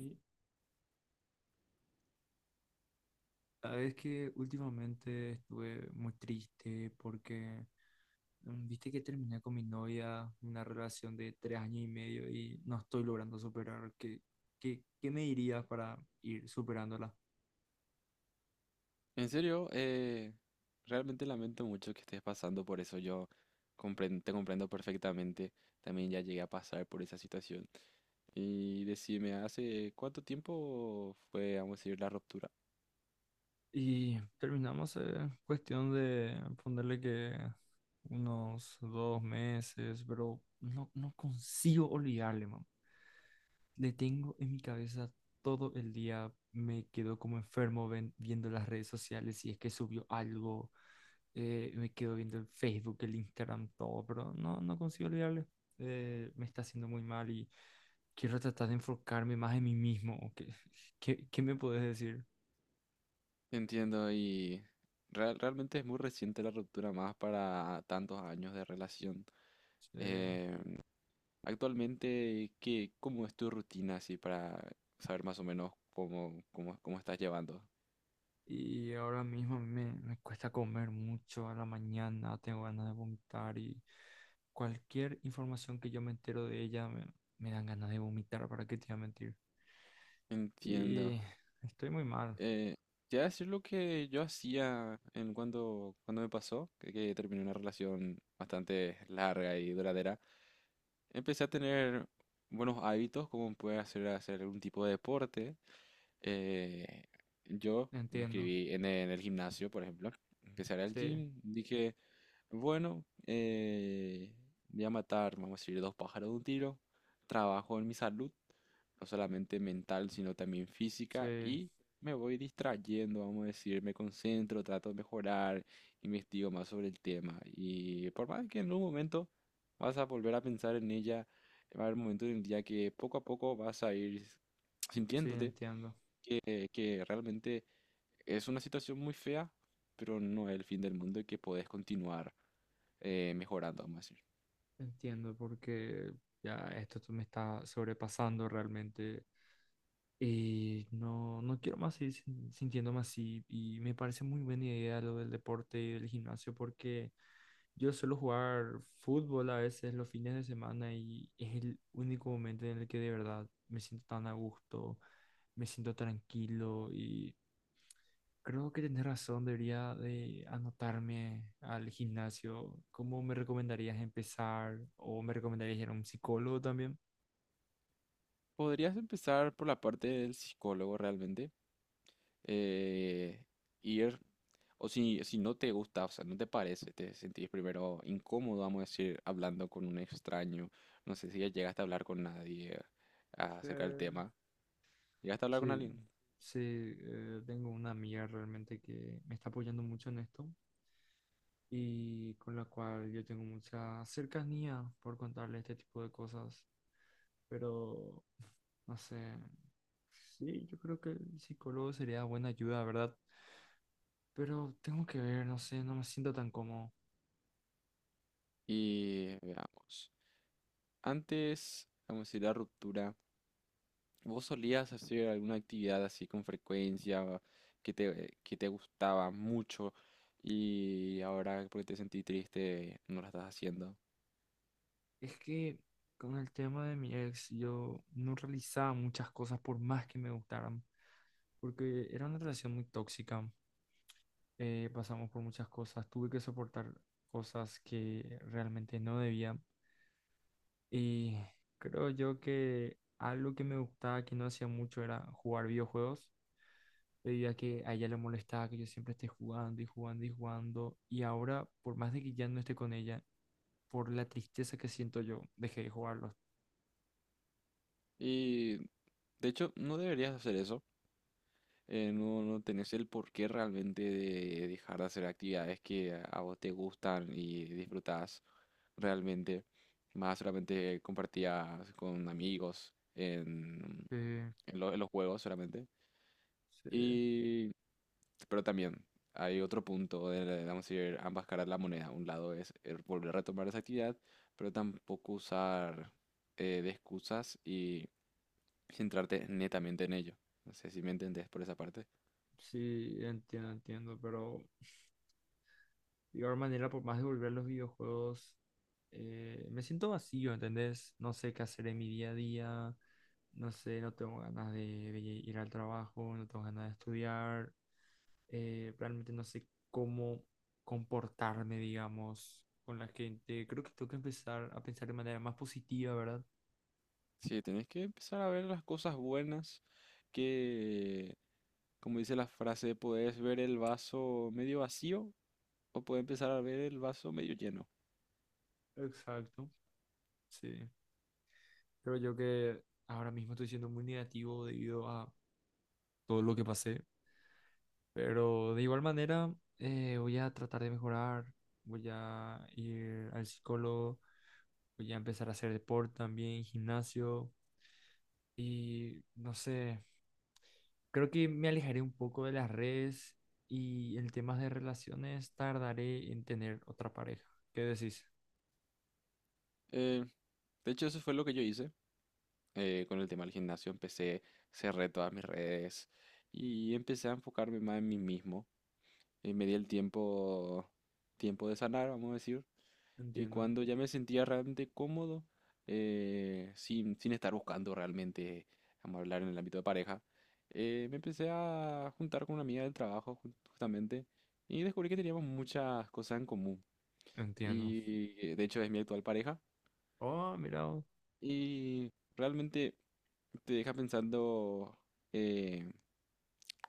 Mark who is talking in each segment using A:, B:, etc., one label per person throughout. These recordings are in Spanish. A: Y sabes que últimamente estuve muy triste porque viste que terminé con mi novia, una relación de 3 años y medio, y no estoy logrando superar. ¿Qué me dirías para ir superándola?
B: En serio, realmente lamento mucho que estés pasando por eso. Yo te comprendo perfectamente. También ya llegué a pasar por esa situación. Y decime, ¿hace cuánto tiempo fue, vamos a decir, la ruptura?
A: Y terminamos cuestión de ponerle que unos 2 meses, pero no consigo olvidarle. Le tengo en mi cabeza todo el día, me quedo como enfermo viendo las redes sociales si es que subió algo. Me quedo viendo el Facebook, el Instagram, todo, pero no consigo olvidarle. Me está haciendo muy mal y quiero tratar de enfocarme más en mí mismo. ¿Qué, qué me puedes decir?
B: Entiendo, y realmente es muy reciente la ruptura, más para tantos años de relación.
A: Eh,
B: Eh, Actualmente, ¿qué, cómo es tu rutina así para saber más o menos cómo estás llevando?
A: Y ahora mismo a mí me cuesta comer mucho a la mañana, tengo ganas de vomitar, y cualquier información que yo me entero de ella me dan ganas de vomitar. ¿Para qué te voy a mentir?
B: Entiendo.
A: Y estoy muy mal.
B: Eh, Te voy a decir lo que yo hacía en cuando me pasó, que terminé una relación bastante larga y duradera. Empecé a tener buenos hábitos, como puede hacer algún tipo de deporte. Eh, yo me
A: Entiendo.
B: inscribí en en el gimnasio, por ejemplo. Empecé a ir al
A: Sí,
B: gym. Dije, bueno, voy a matar, vamos a decir, dos pájaros de un tiro. Trabajo en mi salud, no solamente mental, sino también física.
A: sí,
B: Y me voy distrayendo, vamos a decir, me concentro, trato de mejorar, investigo más sobre el tema. Y por más que en un momento vas a volver a pensar en ella. Va a haber momentos en el día que poco a poco vas a ir
A: sí,
B: sintiéndote
A: entiendo,
B: que realmente es una situación muy fea, pero no es el fin del mundo y que podés continuar mejorando, vamos a decir.
A: entiendo, porque ya esto me está sobrepasando realmente. Y no quiero más seguir sintiéndome así. Y me parece muy buena idea lo del deporte y del gimnasio, porque yo suelo jugar fútbol a veces los fines de semana y es el único momento en el que de verdad me siento tan a gusto, me siento tranquilo, y creo que tenés razón, debería de anotarme al gimnasio. ¿Cómo me recomendarías empezar? ¿O me recomendarías ir a un psicólogo también?
B: Podrías empezar por la parte del psicólogo realmente. eh, Ir, o si no te gusta, o sea, no te parece, te sentís primero incómodo, vamos a decir, hablando con un extraño. No sé si ya llegaste a hablar con nadie
A: Sí.
B: acerca del tema. Llegaste a hablar con
A: Sí,
B: alguien.
A: sí, tengo una amiga realmente que me está apoyando mucho en esto y con la cual yo tengo mucha cercanía por contarle este tipo de cosas, pero no sé, sí, yo creo que el psicólogo sería buena ayuda, ¿verdad? Pero tengo que ver, no sé, no me siento tan cómodo.
B: Y veamos. Antes, vamos a decir, la ruptura, ¿vos solías hacer alguna actividad así con frecuencia que que te gustaba mucho y ahora porque te sentí triste no la estás haciendo?
A: Es que con el tema de mi ex, yo no realizaba muchas cosas por más que me gustaran, porque era una relación muy tóxica. Pasamos por muchas cosas, tuve que soportar cosas que realmente no debía, y creo yo que algo que me gustaba que no hacía mucho era jugar videojuegos, debido a que a ella le molestaba que yo siempre esté jugando y jugando y jugando. Y ahora, por más de que ya no esté con ella, por la tristeza que siento yo, dejé de jugarlos.
B: Y de hecho, no deberías hacer eso. No, no tenés el porqué realmente de dejar de hacer actividades que a vos te gustan y disfrutás realmente. Más solamente compartías con amigos
A: Eh,
B: en en los juegos solamente.
A: Sí,
B: Y, pero también hay otro punto de, vamos a decir, ambas caras de la moneda. Un lado es volver a retomar esa actividad, pero tampoco usar de excusas y centrarte netamente en ello. No sé si me entendés por esa parte.
A: sí, entiendo, entiendo, pero de igual manera, por más de volver a los videojuegos, me siento vacío, ¿entendés? No sé qué hacer en mi día a día, no sé, no tengo ganas de ir al trabajo, no tengo ganas de estudiar. Realmente no sé cómo comportarme, digamos, con la gente. Creo que tengo que empezar a pensar de manera más positiva, ¿verdad?
B: Sí, tenés que empezar a ver las cosas buenas que, como dice la frase, podés ver el vaso medio vacío o podés empezar a ver el vaso medio lleno.
A: Exacto, sí. Creo yo que ahora mismo estoy siendo muy negativo debido a todo lo que pasé. Pero de igual manera, voy a tratar de mejorar, voy a ir al psicólogo, voy a empezar a hacer deporte también, gimnasio, y no sé, creo que me alejaré un poco de las redes, y en temas de relaciones tardaré en tener otra pareja. ¿Qué decís?
B: Eh, de hecho, eso fue lo que yo hice con el tema del gimnasio. Empecé, cerré todas mis redes y empecé a enfocarme más en mí mismo. Y me di el tiempo, tiempo de sanar, vamos a decir. Y
A: Entiendo.
B: cuando ya me sentía realmente cómodo, sin estar buscando realmente, vamos a hablar en el ámbito de pareja, me empecé a juntar con una amiga del trabajo justamente y descubrí que teníamos muchas cosas en común.
A: Entiendo.
B: Y de hecho es mi actual pareja.
A: Oh, mira, oh,
B: Y realmente te deja pensando eh,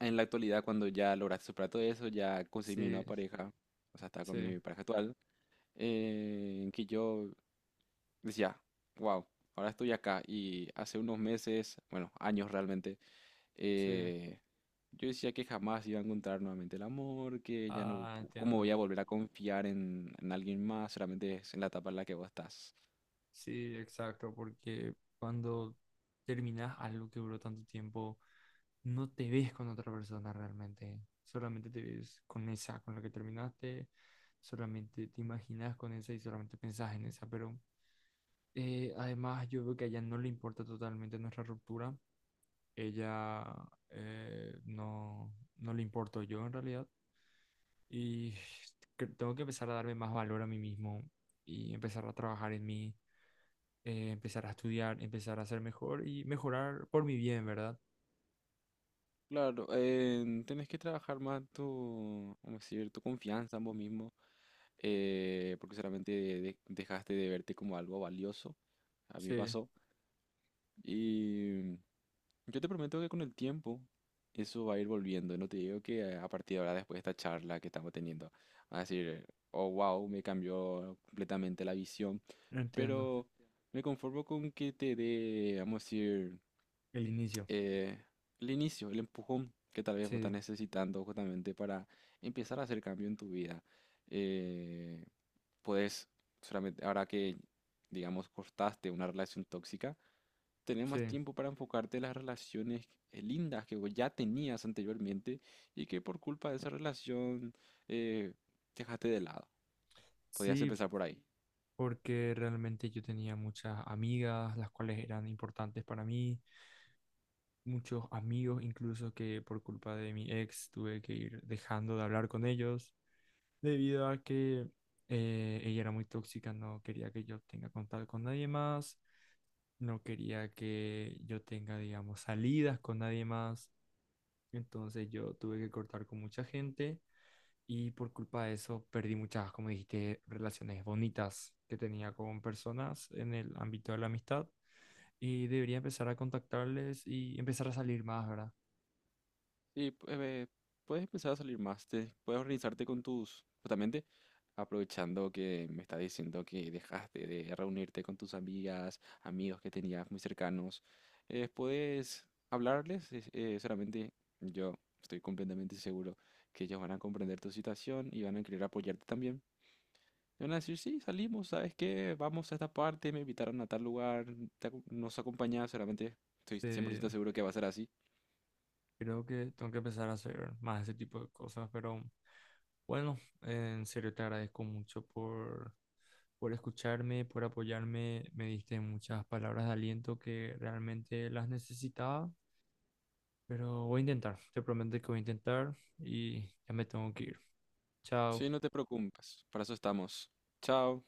B: en la actualidad cuando ya lograste superar todo eso, ya conseguí mi
A: sí,
B: nueva pareja, o sea, estaba con
A: sí,
B: mi pareja actual, que yo decía, wow, ahora estoy acá. Y hace unos meses, bueno, años realmente,
A: sí.
B: eh, yo decía que jamás iba a encontrar nuevamente el amor, que ya no,
A: Ah,
B: cómo
A: entiendo.
B: voy a volver a confiar en alguien más, solamente es en la etapa en la que vos estás.
A: Sí, exacto, porque cuando terminas algo que duró tanto tiempo, no te ves con otra persona realmente, solamente te ves con esa, con la que terminaste, solamente te imaginas con esa y solamente pensás en esa. Pero además yo veo que a ella no le importa totalmente nuestra ruptura. Ella, eh, no, no le importo yo en realidad, y tengo que empezar a darme más valor a mí mismo y empezar a trabajar en mí. Empezar a estudiar, empezar a ser mejor y mejorar por mi bien, ¿verdad?
B: Claro, tenés que trabajar más tu, ¿cómo decir? Tu confianza en vos mismo, porque solamente dejaste de verte como algo valioso. A mí me
A: Sí,
B: pasó. Yo te prometo que con el tiempo eso va a ir volviendo. No te digo que a partir de ahora, después de esta charla que estamos teniendo, vas a decir, oh, wow, me cambió completamente la visión.
A: entiendo.
B: Pero me conformo con que te dé, vamos a decir,
A: El inicio.
B: eh, el inicio, el empujón que tal vez vos estás
A: Sí.
B: necesitando justamente para empezar a hacer cambio en tu vida. Eh, Puedes solamente, ahora que, digamos, cortaste una relación tóxica, tenés más
A: Sí,
B: tiempo para enfocarte en las relaciones lindas que vos ya tenías anteriormente y que por culpa de esa relación eh, dejaste de lado. Podías
A: sí,
B: empezar por ahí.
A: porque realmente yo tenía muchas amigas, las cuales eran importantes para mí, muchos amigos incluso, que por culpa de mi ex tuve que ir dejando de hablar con ellos, debido a que, ella era muy tóxica, no quería que yo tenga contacto con nadie más, no quería que yo tenga, digamos, salidas con nadie más. Entonces yo tuve que cortar con mucha gente, y por culpa de eso perdí muchas, como dijiste, relaciones bonitas que tenía con personas en el ámbito de la amistad, y debería empezar a contactarles y empezar a salir más, ¿verdad?
B: Sí, puedes empezar a salir más, puedes organizarte con tus, justamente aprovechando que me estás diciendo que dejaste de reunirte con tus amigas, amigos que tenías muy cercanos, puedes hablarles, solamente yo estoy completamente seguro que ellos van a comprender tu situación y van a querer apoyarte también. Te van a decir, sí, salimos, ¿sabes qué? Vamos a esta parte, me invitaron a tal lugar, nos acompañas, solamente estoy cien por
A: Se-
B: ciento seguro que va a ser así.
A: Creo que tengo que empezar a hacer más ese tipo de cosas, pero bueno, en serio te agradezco mucho por escucharme, por apoyarme, me diste muchas palabras de aliento que realmente las necesitaba. Pero voy a intentar, te prometo que voy a intentar, y ya me tengo que ir.
B: Sí,
A: Chao.
B: no te preocupes, para eso estamos. Chao.